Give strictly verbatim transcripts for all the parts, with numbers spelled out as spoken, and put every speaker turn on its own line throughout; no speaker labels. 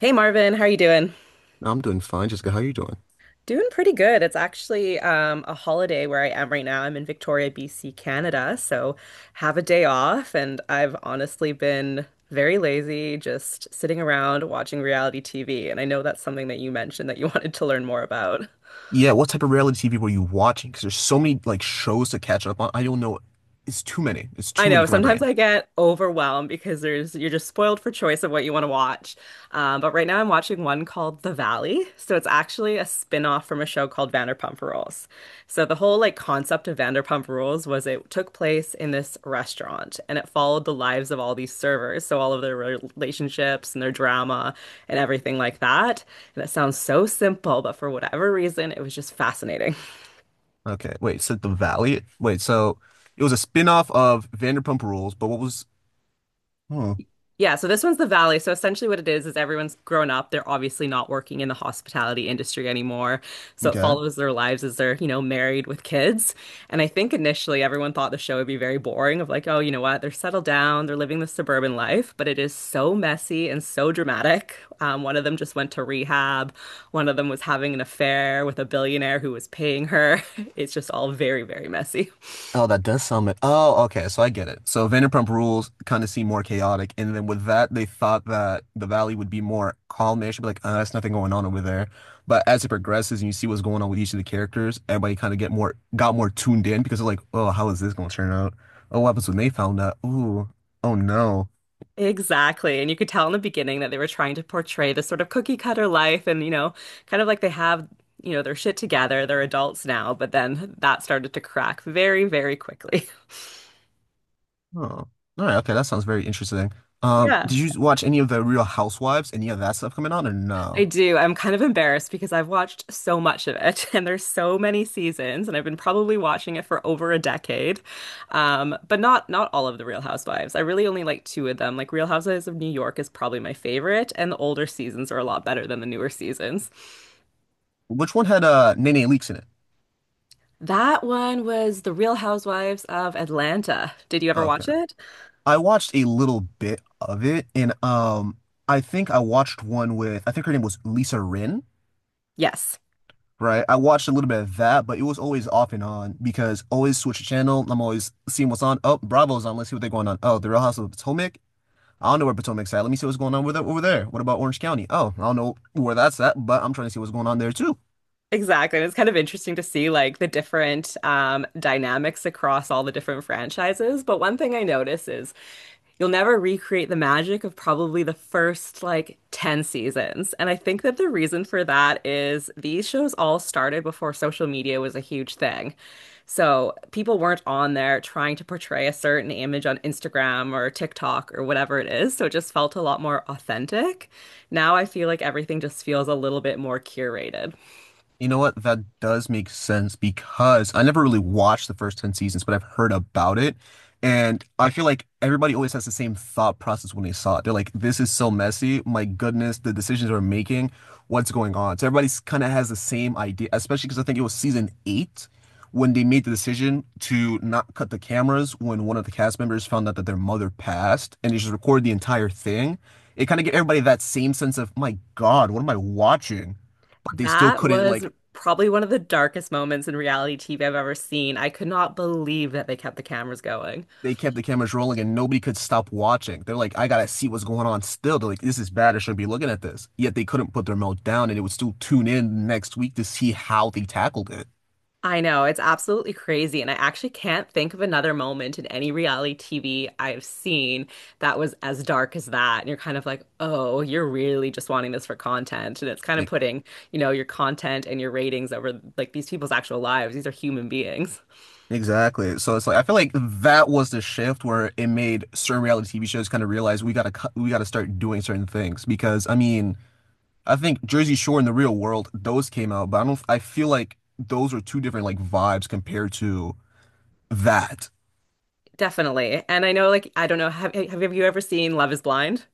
Hey Marvin, how are you doing?
No, I'm doing fine, Jessica. How are you doing?
Doing pretty good. It's actually um, a holiday where I am right now. I'm in Victoria, B C, Canada, so have a day off, and I've honestly been very lazy, just sitting around watching reality T V. And I know that's something that you mentioned that you wanted to learn more about.
Yeah, what type of reality T V were you watching? Because there's so many like shows to catch up on. I don't know. It's too many. It's
I
too many
know
for my
sometimes
brain.
I get overwhelmed because there's you're just spoiled for choice of what you want to watch. Um, but right now I'm watching one called The Valley. So it's actually a spin-off from a show called Vanderpump Rules. So the whole like concept of Vanderpump Rules was it took place in this restaurant and it followed the lives of all these servers, so all of their relationships and their drama and everything like that. And it sounds so simple, but for whatever reason, it was just fascinating.
Okay, wait. So The Valley. Wait, so it was a spin-off of Vanderpump Rules, but what was? Hmm.
Yeah, so this one's the Valley. So essentially what it is is everyone's grown up. They're obviously not working in the hospitality industry anymore. So it
Okay.
follows their lives as they're, you know, married with kids. And I think initially everyone thought the show would be very boring of like, oh, you know what? They're settled down, they're living the suburban life, but it is so messy and so dramatic. Um, one of them just went to rehab. One of them was having an affair with a billionaire who was paying her. It's just all very, very messy.
Oh, that does sound. ma- Oh, okay. So I get it. So Vanderpump Rules kind of seem more chaotic, and then with that, they thought that the valley would be more calmish, but like, uh, there's nothing going on over there. But as it progresses and you see what's going on with each of the characters, everybody kind of get more got more tuned in because they're like, oh, how is this going to turn out? Oh, what happens when they found out? Ooh, oh no.
Exactly. And you could tell in the beginning that they were trying to portray this sort of cookie cutter life and, you know, kind of like they have, you know, their shit together. They're adults now, but then that started to crack very, very quickly.
Oh, all right. Okay, that sounds very interesting. Um,
Yeah,
did you watch any of the Real Housewives? Any of that stuff coming on, or
I
no?
do. I'm kind of embarrassed because I've watched so much of it and there's so many seasons and I've been probably watching it for over a decade. Um, but not not all of the Real Housewives. I really only like two of them. Like Real Housewives of New York is probably my favorite and the older seasons are a lot better than the newer seasons.
Which one had uh Nene Leakes in it?
That one was The Real Housewives of Atlanta. Did you ever
Okay.
watch it?
I watched a little bit of it, and um, I think I watched one with I think her name was Lisa Rin,
Yes.
right? I watched a little bit of that, but it was always off and on because always switch the channel. I'm always seeing what's on. Oh, Bravo's on. Let's see what they're going on. Oh, The Real Housewives of Potomac. I don't know where Potomac's at. Let me see what's going on with it over there. What about Orange County? Oh, I don't know where that's at, but I'm trying to see what's going on there too.
Exactly. And it's kind of interesting to see like the different um, dynamics across all the different franchises. But one thing I notice is you'll never recreate the magic of probably the first like ten seasons. And I think that the reason for that is these shows all started before social media was a huge thing. So people weren't on there trying to portray a certain image on Instagram or TikTok or whatever it is. So it just felt a lot more authentic. Now I feel like everything just feels a little bit more curated.
You know what? That does make sense because I never really watched the first ten seasons, but I've heard about it. And I feel like everybody always has the same thought process when they saw it. They're like, this is so messy. My goodness, the decisions we're making, what's going on? So everybody's kind of has the same idea, especially because I think it was season eight when they made the decision to not cut the cameras when one of the cast members found out that their mother passed and they just recorded the entire thing. It kind of gave everybody that same sense of, my God, what am I watching? But they still
That
couldn't
was
like
probably one of the darkest moments in reality T V I've ever seen. I could not believe that they kept the cameras going.
they kept the cameras rolling and nobody could stop watching. They're like, I gotta see what's going on still. They're like, this is bad. I shouldn't be looking at this. Yet they couldn't put their mouth down and it would still tune in next week to see how they tackled it.
I know, it's absolutely crazy. And I actually can't think of another moment in any reality T V I've seen that was as dark as that. And you're kind of like, oh, you're really just wanting this for content. And it's kind of
E-
putting, you know, your content and your ratings over like these people's actual lives. These are human beings.
Exactly. So it's like I feel like that was the shift where it made certain reality T V shows kind of realize we gotta cut, we gotta start doing certain things because I mean I think Jersey Shore in the real world those came out, but I don't I feel like those are two different like vibes compared to that.
Definitely. And I know, like, I don't know, have, have you ever seen Love is Blind?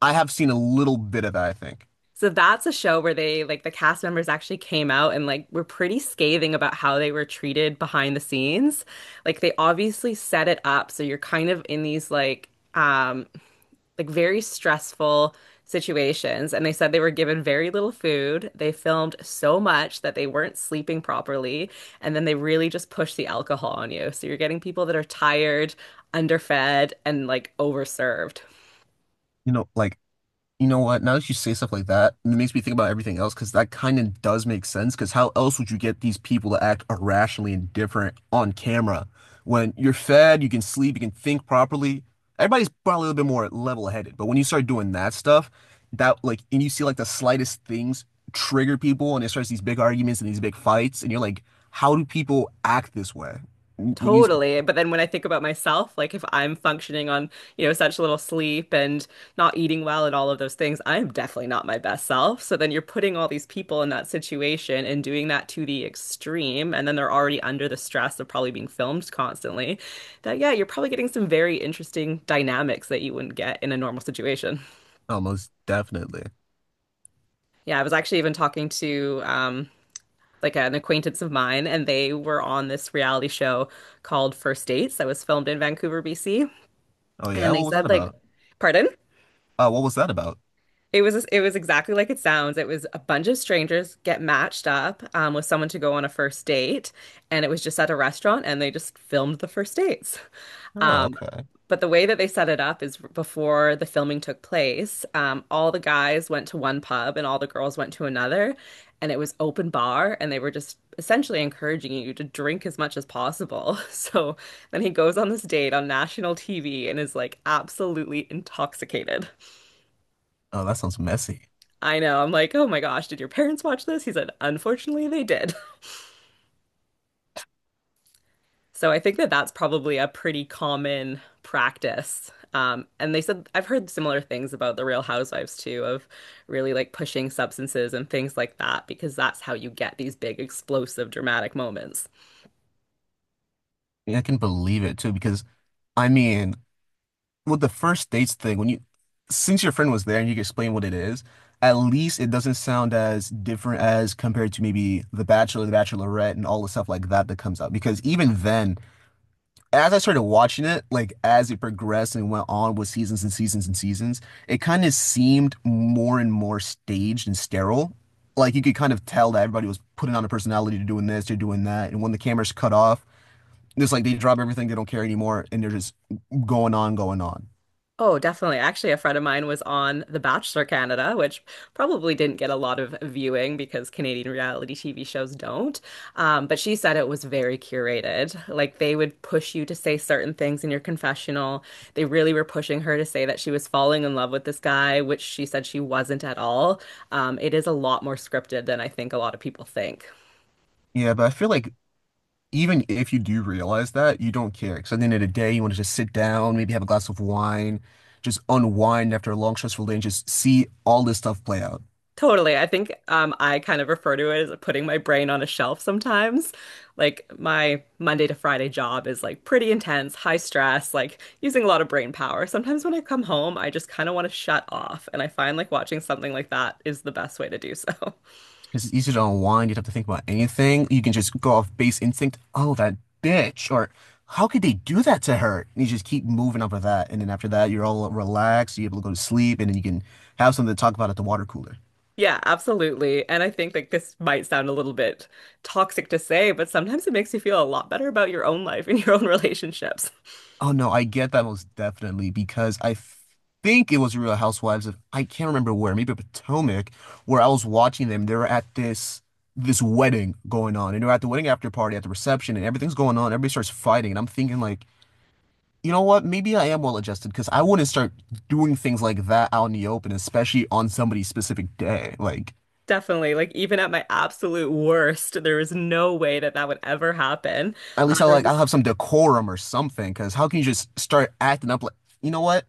I have seen a little bit of that, I think.
So that's a show where they like the cast members actually came out and like were pretty scathing about how they were treated behind the scenes. Like they obviously set it up so you're kind of in these like um like very stressful situations and they said they were given very little food. They filmed so much that they weren't sleeping properly and then they really just push the alcohol on you. So you're getting people that are tired, underfed and like overserved.
You know, like You know what? Now that you say stuff like that, it makes me think about everything else because that kind of does make sense. Because how else would you get these people to act irrationally indifferent on camera when you're fed, you can sleep, you can think properly? Everybody's probably a little bit more level-headed, but when you start doing that stuff, that like, and you see like the slightest things trigger people, and it starts these big arguments and these big fights, and you're like, how do people act this way? Mm, When you,
Totally. But then when I think about myself, like if I'm functioning on, you know, such little sleep and not eating well and all of those things, I'm definitely not my best self. So then you're putting all these people in that situation and doing that to the extreme. And then they're already under the stress of probably being filmed constantly. That, yeah, you're probably getting some very interesting dynamics that you wouldn't get in a normal situation.
oh, most definitely.
Yeah, I was actually even talking to, um, like an acquaintance of mine, and they were on this reality show called First Dates that was filmed in Vancouver, B C.
Oh yeah,
And they
what was that
said, like,
about?
pardon?
Oh, what was that about?
It was it was exactly like it sounds. It was a bunch of strangers get matched up um, with someone to go on a first date, and it was just at a restaurant, and they just filmed the first dates.
Oh,
Um,
okay.
but the way that they set it up is before the filming took place, um, all the guys went to one pub and all the girls went to another, and it was open bar, and they were just essentially encouraging you to drink as much as possible. So then he goes on this date on national T V and is like absolutely intoxicated.
Oh, that sounds messy.
I know. I'm like, oh my gosh, did your parents watch this? He said, unfortunately, they did. So I think that that's probably a pretty common practice. Um, and they said, I've heard similar things about the Real Housewives too, of really like pushing substances and things like that, because that's how you get these big, explosive, dramatic moments.
Yeah, I can believe it too, because I mean, with the first dates thing, when you since your friend was there and you can explain what it is, at least it doesn't sound as different as compared to maybe The Bachelor, The Bachelorette, and all the stuff like that that comes out. Because even then, as I started watching it, like as it progressed and went on with seasons and seasons and seasons, it kind of seemed more and more staged and sterile. Like you could kind of tell that everybody was putting on a personality to doing this, they're doing that, and when the cameras cut off. It's like they drop everything, they don't care anymore, and they're just going on, going on.
Oh, definitely. Actually, a friend of mine was on The Bachelor Canada, which probably didn't get a lot of viewing because Canadian reality T V shows don't. Um, but she said it was very curated. Like they would push you to say certain things in your confessional. They really were pushing her to say that she was falling in love with this guy, which she said she wasn't at all. Um, it is a lot more scripted than I think a lot of people think.
Yeah, but I feel like even if you do realize that, you don't care. Because at the end of the day, you want to just sit down, maybe have a glass of wine, just unwind after a long, stressful day and just see all this stuff play out.
Totally. I think um, I kind of refer to it as putting my brain on a shelf sometimes. Like my Monday to Friday job is like pretty intense, high stress, like using a lot of brain power. Sometimes when I come home, I just kind of want to shut off. And I find like watching something like that is the best way to do so.
Cause it's easier to unwind. You don't have to think about anything. You can just go off base instinct. Oh, that bitch. Or how could they do that to her? And you just keep moving up with that. And then after that, you're all relaxed. You're able to go to sleep. And then you can have something to talk about at the water cooler.
Yeah, absolutely. And I think like this might sound a little bit toxic to say, but sometimes it makes you feel a lot better about your own life and your own relationships.
Oh, no, I get that most definitely because I think it was Real Housewives of, I can't remember where, maybe Potomac, where I was watching them. They were at this. This wedding going on, and they're at the wedding after party at the reception, and everything's going on. Everybody starts fighting, and I'm thinking like, you know what? Maybe I am well adjusted because I wouldn't start doing things like that out in the open, especially on somebody's specific day. Like,
Definitely. Like even at my absolute worst, there was no way that that would ever happen.
at
Uh,
least I
there was
like I'll
this,
have some decorum or something. Because how can you just start acting up like, you know what?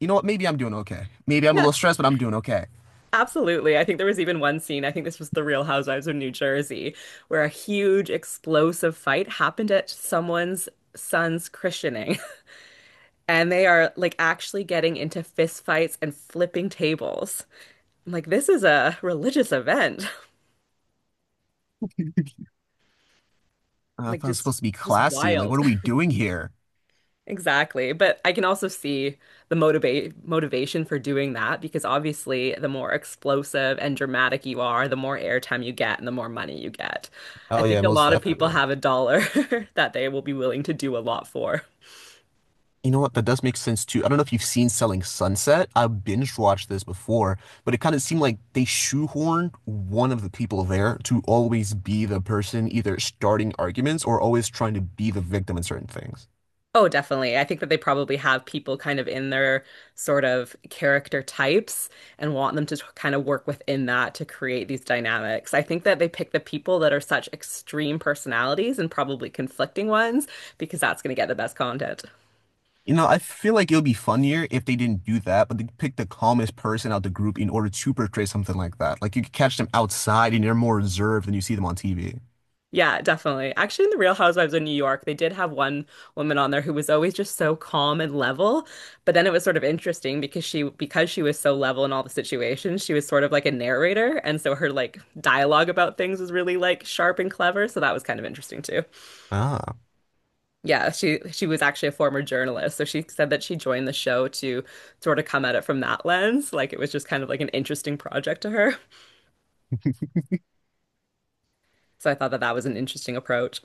You know what? Maybe I'm doing okay. Maybe I'm a
yeah,
little stressed, but I'm doing okay.
absolutely. I think there was even one scene. I think this was The Real Housewives of New Jersey, where a huge explosive fight happened at someone's son's christening, and they are like actually getting into fist fights and flipping tables. I'm like, this is a religious event.
Uh, I
Like
thought I was
just,
supposed to be
just
classy. Like,
wild.
what are we doing here?
Exactly. But I can also see the motivate motivation for doing that because obviously the more explosive and dramatic you are, the more airtime you get and the more money you get. I
Oh
think
yeah,
a
most
lot of people
definitely.
have a dollar that they will be willing to do a lot for.
You know what? That does make sense too. I don't know if you've seen Selling Sunset. I binge watched this before, but it kind of seemed like they shoehorned one of the people there to always be the person either starting arguments or always trying to be the victim in certain things.
Oh, definitely. I think that they probably have people kind of in their sort of character types and want them to t- kind of work within that to create these dynamics. I think that they pick the people that are such extreme personalities and probably conflicting ones because that's going to get the best content.
You know, I feel like it would be funnier if they didn't do that, but they picked the calmest person out the group in order to portray something like that. Like you could catch them outside and they're more reserved than you see them on T V.
Yeah, definitely. Actually, in The Real Housewives of New York, they did have one woman on there who was always just so calm and level. But then it was sort of interesting because she because she was so level in all the situations, she was sort of like a narrator, and so her like dialogue about things was really like sharp and clever, so that was kind of interesting too.
Ah,
Yeah, she she was actually a former journalist, so she said that she joined the show to sort of come at it from that lens, like it was just kind of like an interesting project to her. So I thought that that was an interesting approach.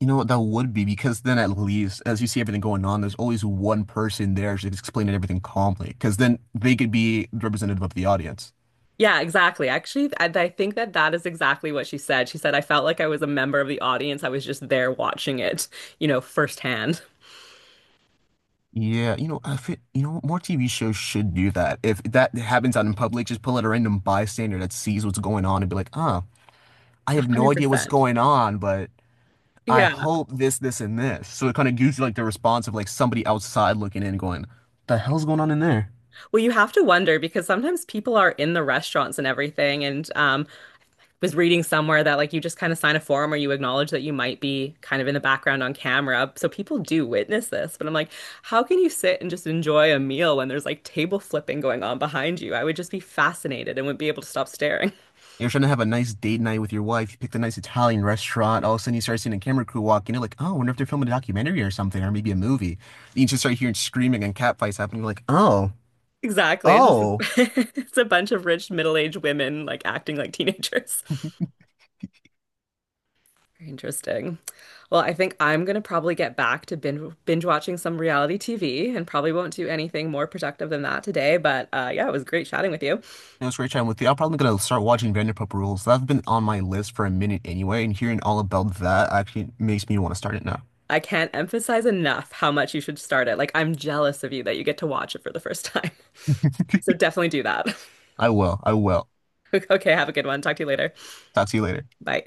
you know what? That would be because then at least as you see everything going on, there's always one person there just explaining everything calmly because then they could be representative of the audience.
Yeah, exactly. Actually, I, I think that that is exactly what she said. She said, I felt like I was a member of the audience. I was just there watching it, you know, firsthand.
Yeah, you know, I fit, you know, More T V shows should do that. If that happens out in public, just pull out a random bystander that sees what's going on and be like, ah, I have no idea what's
one hundred percent.
going on, but I
Yeah.
hope this, this, and this. So it kind of gives you like the response of like somebody outside looking in, going, "The hell's going on in there?"
Well, you have to wonder because sometimes people are in the restaurants and everything. And um, was reading somewhere that like you just kind of sign a form or you acknowledge that you might be kind of in the background on camera. So people do witness this. But I'm like, how can you sit and just enjoy a meal when there's like table flipping going on behind you? I would just be fascinated and wouldn't be able to stop staring.
You're trying to have a nice date night with your wife. You picked a nice Italian restaurant. All of a sudden, you start seeing a camera crew walk in. You're like, "Oh, I wonder if they're filming a documentary or something, or maybe a movie." You just start hearing screaming and catfights happening. You're like, "Oh,
Exactly. It's just a,
oh."
it's a bunch of rich middle-aged women like acting like teenagers. Very interesting. Well, I think I'm gonna probably get back to binge binge watching some reality T V and probably won't do anything more productive than that today. But uh, yeah, it was great chatting with you.
It was great chatting with you. I'm probably gonna start watching Vanderpump Rules. That's been on my list for a minute anyway, and hearing all about that actually makes me want to start it now.
I can't emphasize enough how much you should start it. Like, I'm jealous of you that you get to watch it for the first time. So definitely do that.
I will. I will.
Okay, have a good one. Talk to you later.
Talk to you later.
Bye.